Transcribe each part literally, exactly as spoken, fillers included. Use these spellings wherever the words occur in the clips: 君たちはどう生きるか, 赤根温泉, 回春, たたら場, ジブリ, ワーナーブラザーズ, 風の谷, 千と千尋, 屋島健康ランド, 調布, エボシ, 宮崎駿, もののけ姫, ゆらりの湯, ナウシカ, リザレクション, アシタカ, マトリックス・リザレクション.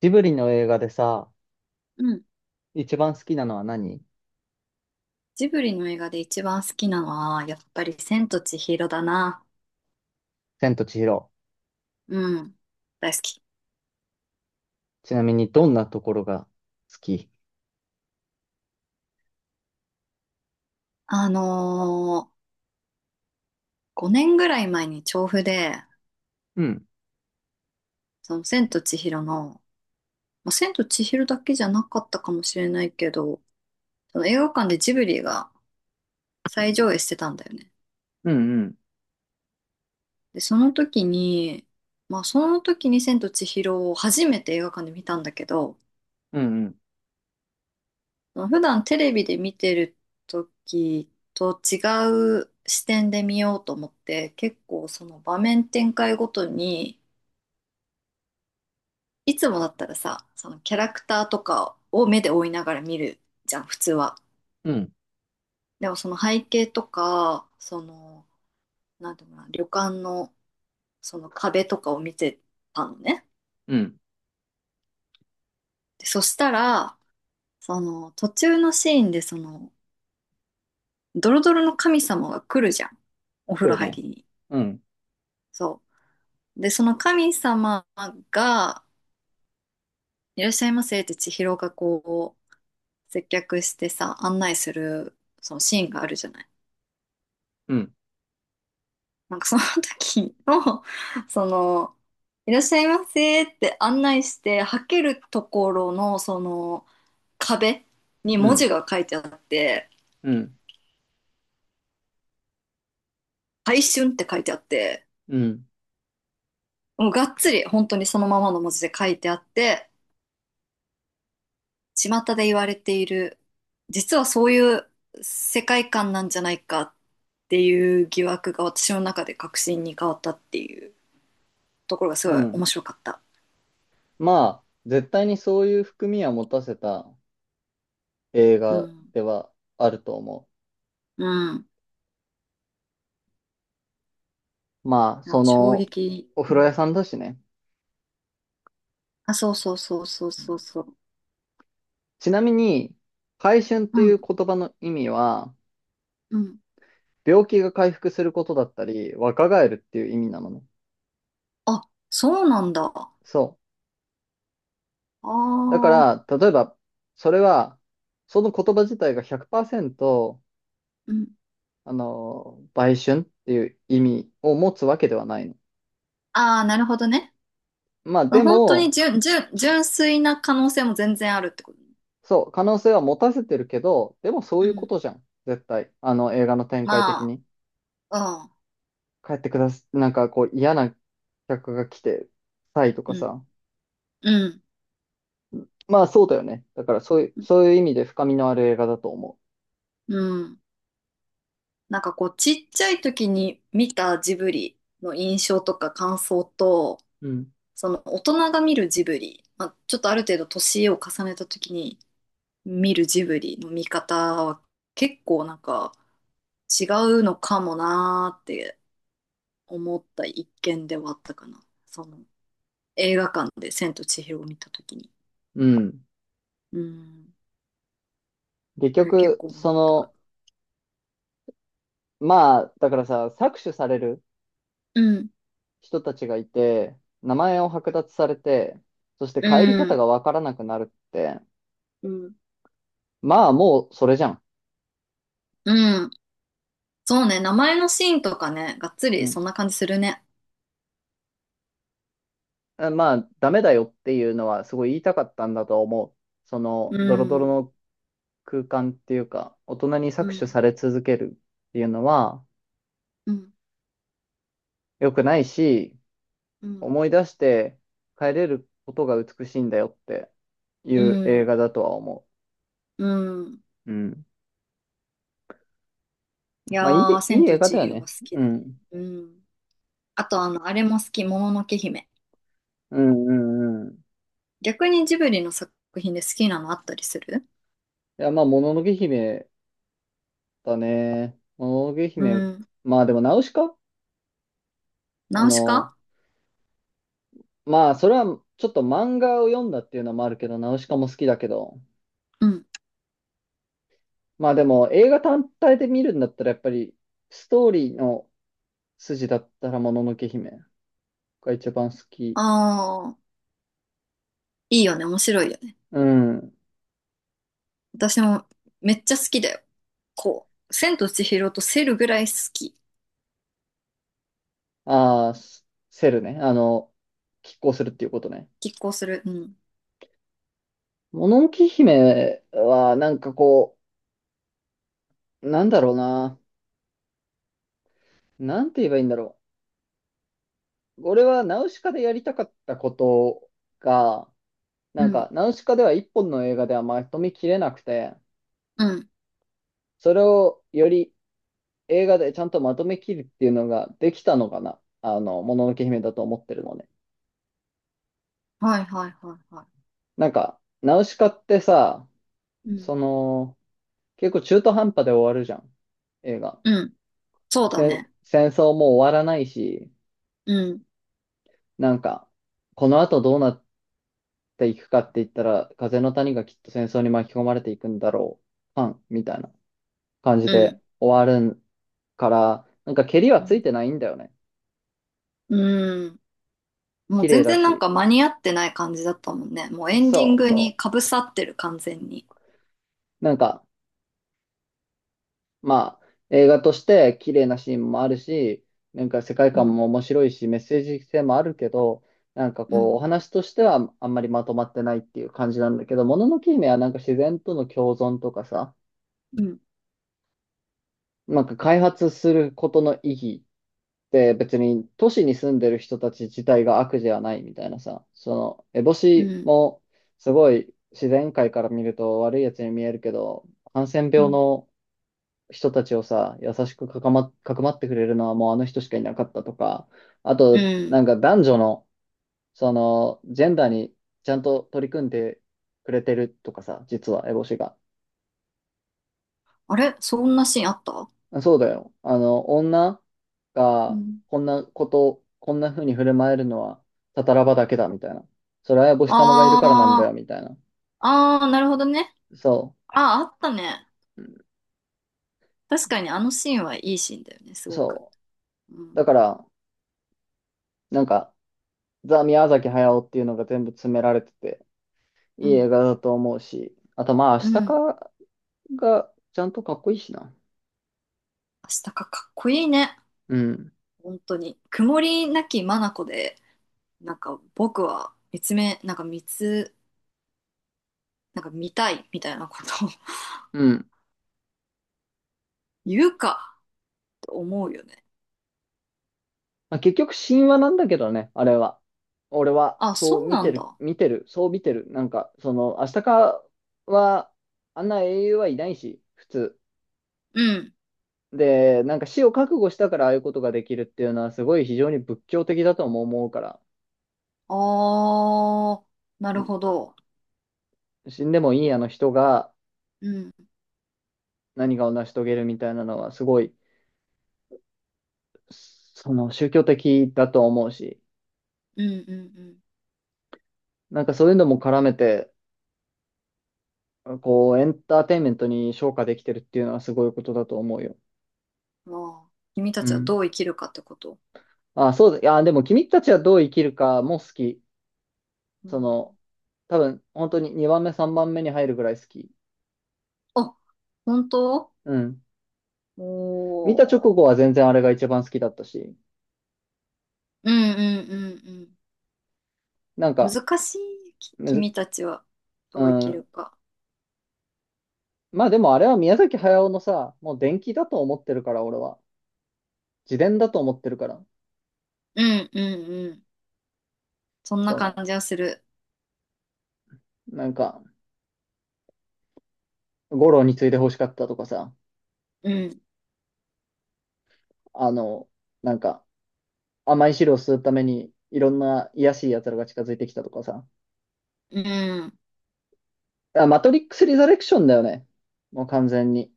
ジブリの映画でさ、うん。一番好きなのは何？ジブリの映画で一番好きなのは、やっぱり千と千尋だな。千と千尋。うん。大好き。ちなみにどんなところが好き？あのー、ごねんぐらい前に調布で、うん、その千と千尋の、まあ、千と千尋だけじゃなかったかもしれないけど、その映画館でジブリが再上映してたんだよね。うん、うん、で、その時に、まあその時に千と千尋を初めて映画館で見たんだけど、うん、うん、普段テレビで見てる時と違う視点で見ようと思って、結構その場面展開ごとに、いつもだったらさ、そのキャラクターとかを目で追いながら見るじゃん、普通は。うん、でもその背景とか、その、なんていうのかな、旅館のその壁とかを見てたのね。うん。で、そしたらその途中のシーンで、そのドロドロの神様が来るじゃん、お風来呂る入ね。りに。うん、そう。で、その神様が、いらっしゃいませって千尋がこう、接客してさ、案内する、そのシーンがあるじゃない。うん、なんかその時の、その、いらっしゃいませって案内して、はけるところの、その、壁にう文ん、字が書いてあって、うん、回春って書いてあって、うん、もうがっつり本当にそのままの文字で書いてあって、巷で言われている、実はそういう世界観なんじゃないかっていう疑惑が私の中で確信に変わったっていうところがすうごいん。面白かった。まあ、絶対にそういう含みは持たせた映う画ん。ではあると思うん。う。まあ、いや、そ衝の、撃。おう風呂屋ん。さんだしね。あ、そうそうそうそうそうそう。ちなみに、回春っうていうん。言葉の意味は、うん。病気が回復することだったり、若返るっていう意味なのね。あ、そうなんだ。あそう。だかあ。ら、例えば、それは、その言葉自体がひゃくパーセント、うん。あの、売春っていう意味を持つわけではないの。ああ、なるほどね。まあ、で本当にも、純、純、純粋な可能性も全然あるってことね。そう、可能性は持たせてるけど、でもそうういうこん。とじゃん。絶対。あの、映画の展開的まに。あ、帰ってくださ、なんかこう、嫌な客が来て、たいとかうん。さ。うん。まあ、そうだよね。だから、そういう、うん。そういう意味で深みのある映画だと思うん。なんかこう、ちっちゃい時に見たジブリの印象とか感想と、う。うん。その大人が見るジブリ、まあ、ちょっとある程度年を重ねた時に見るジブリの見方は結構なんか違うのかもなーって思った一見ではあったかな。その映画館で千と千尋を見た時に。うん。うん。結それ結局、構そ思ったかな。の、まあ、だからさ、搾取されるうん。人たちがいて、名前を剥奪されて、そしてう帰り方ん。がわからなくなるって、うん。まあもうそれじゃん。うん。そうね。名前のシーンとかね、がっつうりん。そんな感じするね。あまあダメだよっていうのはすごい言いたかったんだと思う。そのうドロドロん、の空間っていうか、大人にう搾取ん、され続けるっていうのはうん、良くないし、うん、思い出して帰れることが美しいんだよっていうう映ん、画だとは思うん。う。うん。いまあいやー、い、いい千映と画千だよ尋がね。好きうだよね。ん。うん。あと、あの、あれも好き、もののけ姫。うんうんうん。逆にジブリの作品で好きなのあったりする？いや、まあ、もののけ姫たね。おげう姫。ん。まあでも、ナウシカ、あナウシの、カ。まあ、それはちょっと漫画を読んだっていうのもあるけど、ナウシカも好きだけど、うん。まあでも、映画単体で見るんだったら、やっぱり、ストーリーの筋だったら、もののけ姫が一番好き。ああ、いいよね、面白いよね。うん。私もめっちゃ好きだよ。こう、千と千尋とセルぐらい好き。ああ、スセルね。あの、拮抗するっていうことね。拮抗する。うん。もののけ姫は、なんかこう、なんだろうな。なんて言えばいいんだろう。俺はナウシカでやりたかったことが、うなんん。か、ナウシカでは一本の映画ではまとめきれなくて、うん。それをより映画でちゃんとまとめきるっていうのができたのかな。あの、もののけ姫だと思ってるのね。はいはいはいはなんか、ナウシカってさ、い。うん。その、結構中途半端で終わるじゃん。映画。うん。そうだ戦ね。戦争も終わらないし、うん。なんか、この後どうなっていくかって言ったら、風の谷がきっと戦争に巻き込まれていくんだろう。パン、みたいな感じうでん。終わるから、なんか、ケリはうついんてないんだよね。うん。も綺う麗全だ然なんかし、間に合ってない感じだったもんね。もうエンディンそうグにそかぶさってる、完全に。う。なんか、まあ、映画として綺麗なシーンもあるし、なんか世界う観ん、も面白いし、メッセージ性もあるけど、なんかうこう、ん、お話としてはあんまりまとまってないっていう感じなんだけど、もののけ姫はなんか自然との共存とかさ、うん、なんか開発することの意義って別に都市に住んでる人たち自体が悪じゃないみたいなさ、その、烏帽う子ん、もすごい自然界から見ると悪いやつに見えるけど、ハンセンう病ん。の人たちをさ、優しくかかま、かくまってくれるのはもうあの人しかいなかったとか、あうと、なん。んか男女の、その、ジェンダーにちゃんと取り組んでくれてるとかさ、実は、エボシが。あれそんなシーンあった？そうだよ。あの、女うがん。こんなこと、こんな風に振る舞えるのは、たたらばだけだ、みたいな。それはエボシ様がいるからなんだよ、あー、みたいな。あー、なるほどね。そあー、あったね。う。確かにあのシーンはいいシーンだよね、すごく。そうう。ん、だから、なんか、ザ・宮崎駿っていうのが全部詰められてて、ういい映ん、画だと思うし、あとまあ、明う日ん。かがちゃんとかっこいいしな。明日かかっこいいね。うん。本当に。曇りなき眼で、なんか僕は見つめ、なんか見つ、なんか見たいみたいなことをうん。言うかと思うよね。まあ、結局神話なんだけどね、あれは。俺は、あ、そうそう見なてんる、だ。見てる、そう見てる。なんか、その、明日かは、あんな英雄はいないし、普通。うん。で、なんか死を覚悟したからああいうことができるっていうのは、すごい非常に仏教的だとも思うから、あー、なうるん、ほど。死んでもいいあの人がうん、何かを成し遂げるみたいなのは、すごい、その宗教的だと思うし、うん、うん、なんかそういうのも絡めて、こう、エンターテインメントに昇華できてるっていうのはすごいことだと思うよ。うん。ああ、君たうちはん。どう生きるかってこと？あ、そうだ。いやでも君たちはどう生きるかも好き。うその、ん。多分、本当ににばんめ、さんばんめに入るぐらい好き。あ、本当？うん。お見た直後ー。は全然あれが一番好きだったし。うん、うん、うん、なんうん。か、難しい。きむず、君たちはどうう生きるん。か。まあでもあれは宮崎駿のさ、もう伝記だと思ってるから、俺は。自伝だと思ってるから。うん、うん、うん。そんなそ感の、じはする。なんか、五郎について欲しかったとかさ、うん、あの、なんか、甘い汁を吸うために、いろんな卑しい奴らが近づいてきたとかさ。うん。あ、マトリックス・リザレクションだよね。もう完全に。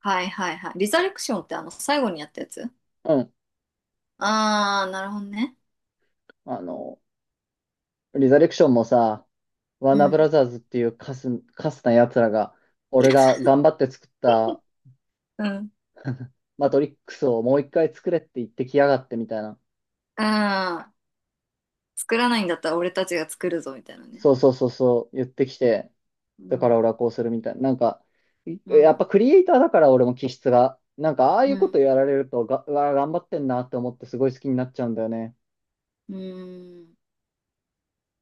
はいはいはい。リザレクションってあの、最後にやったやつ？うん。ああー、なるほどね。あの、リザレクションもさ、ワーうナーブん。ラザーズっていうカス、カスな奴らが、俺が頑張って作ったうん。マトリックスをもう一回作れって言ってきやがってみたいな。ああ、作らないんだったら俺たちが作るぞみたいなね。そうそうそうそう、言ってきて、うだからん、俺はこうするみたいな。なんか、いうやっん、ぱクリエイターだから俺も気質が、なんかああいううことん、やられるとが、うわ、頑張ってんなって思ってすごい好きになっちゃうんだよね。うん、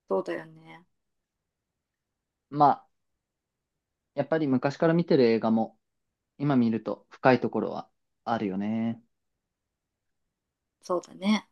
そうだよね。まあ、やっぱり昔から見てる映画も今見ると深いところはあるよね。そうだね。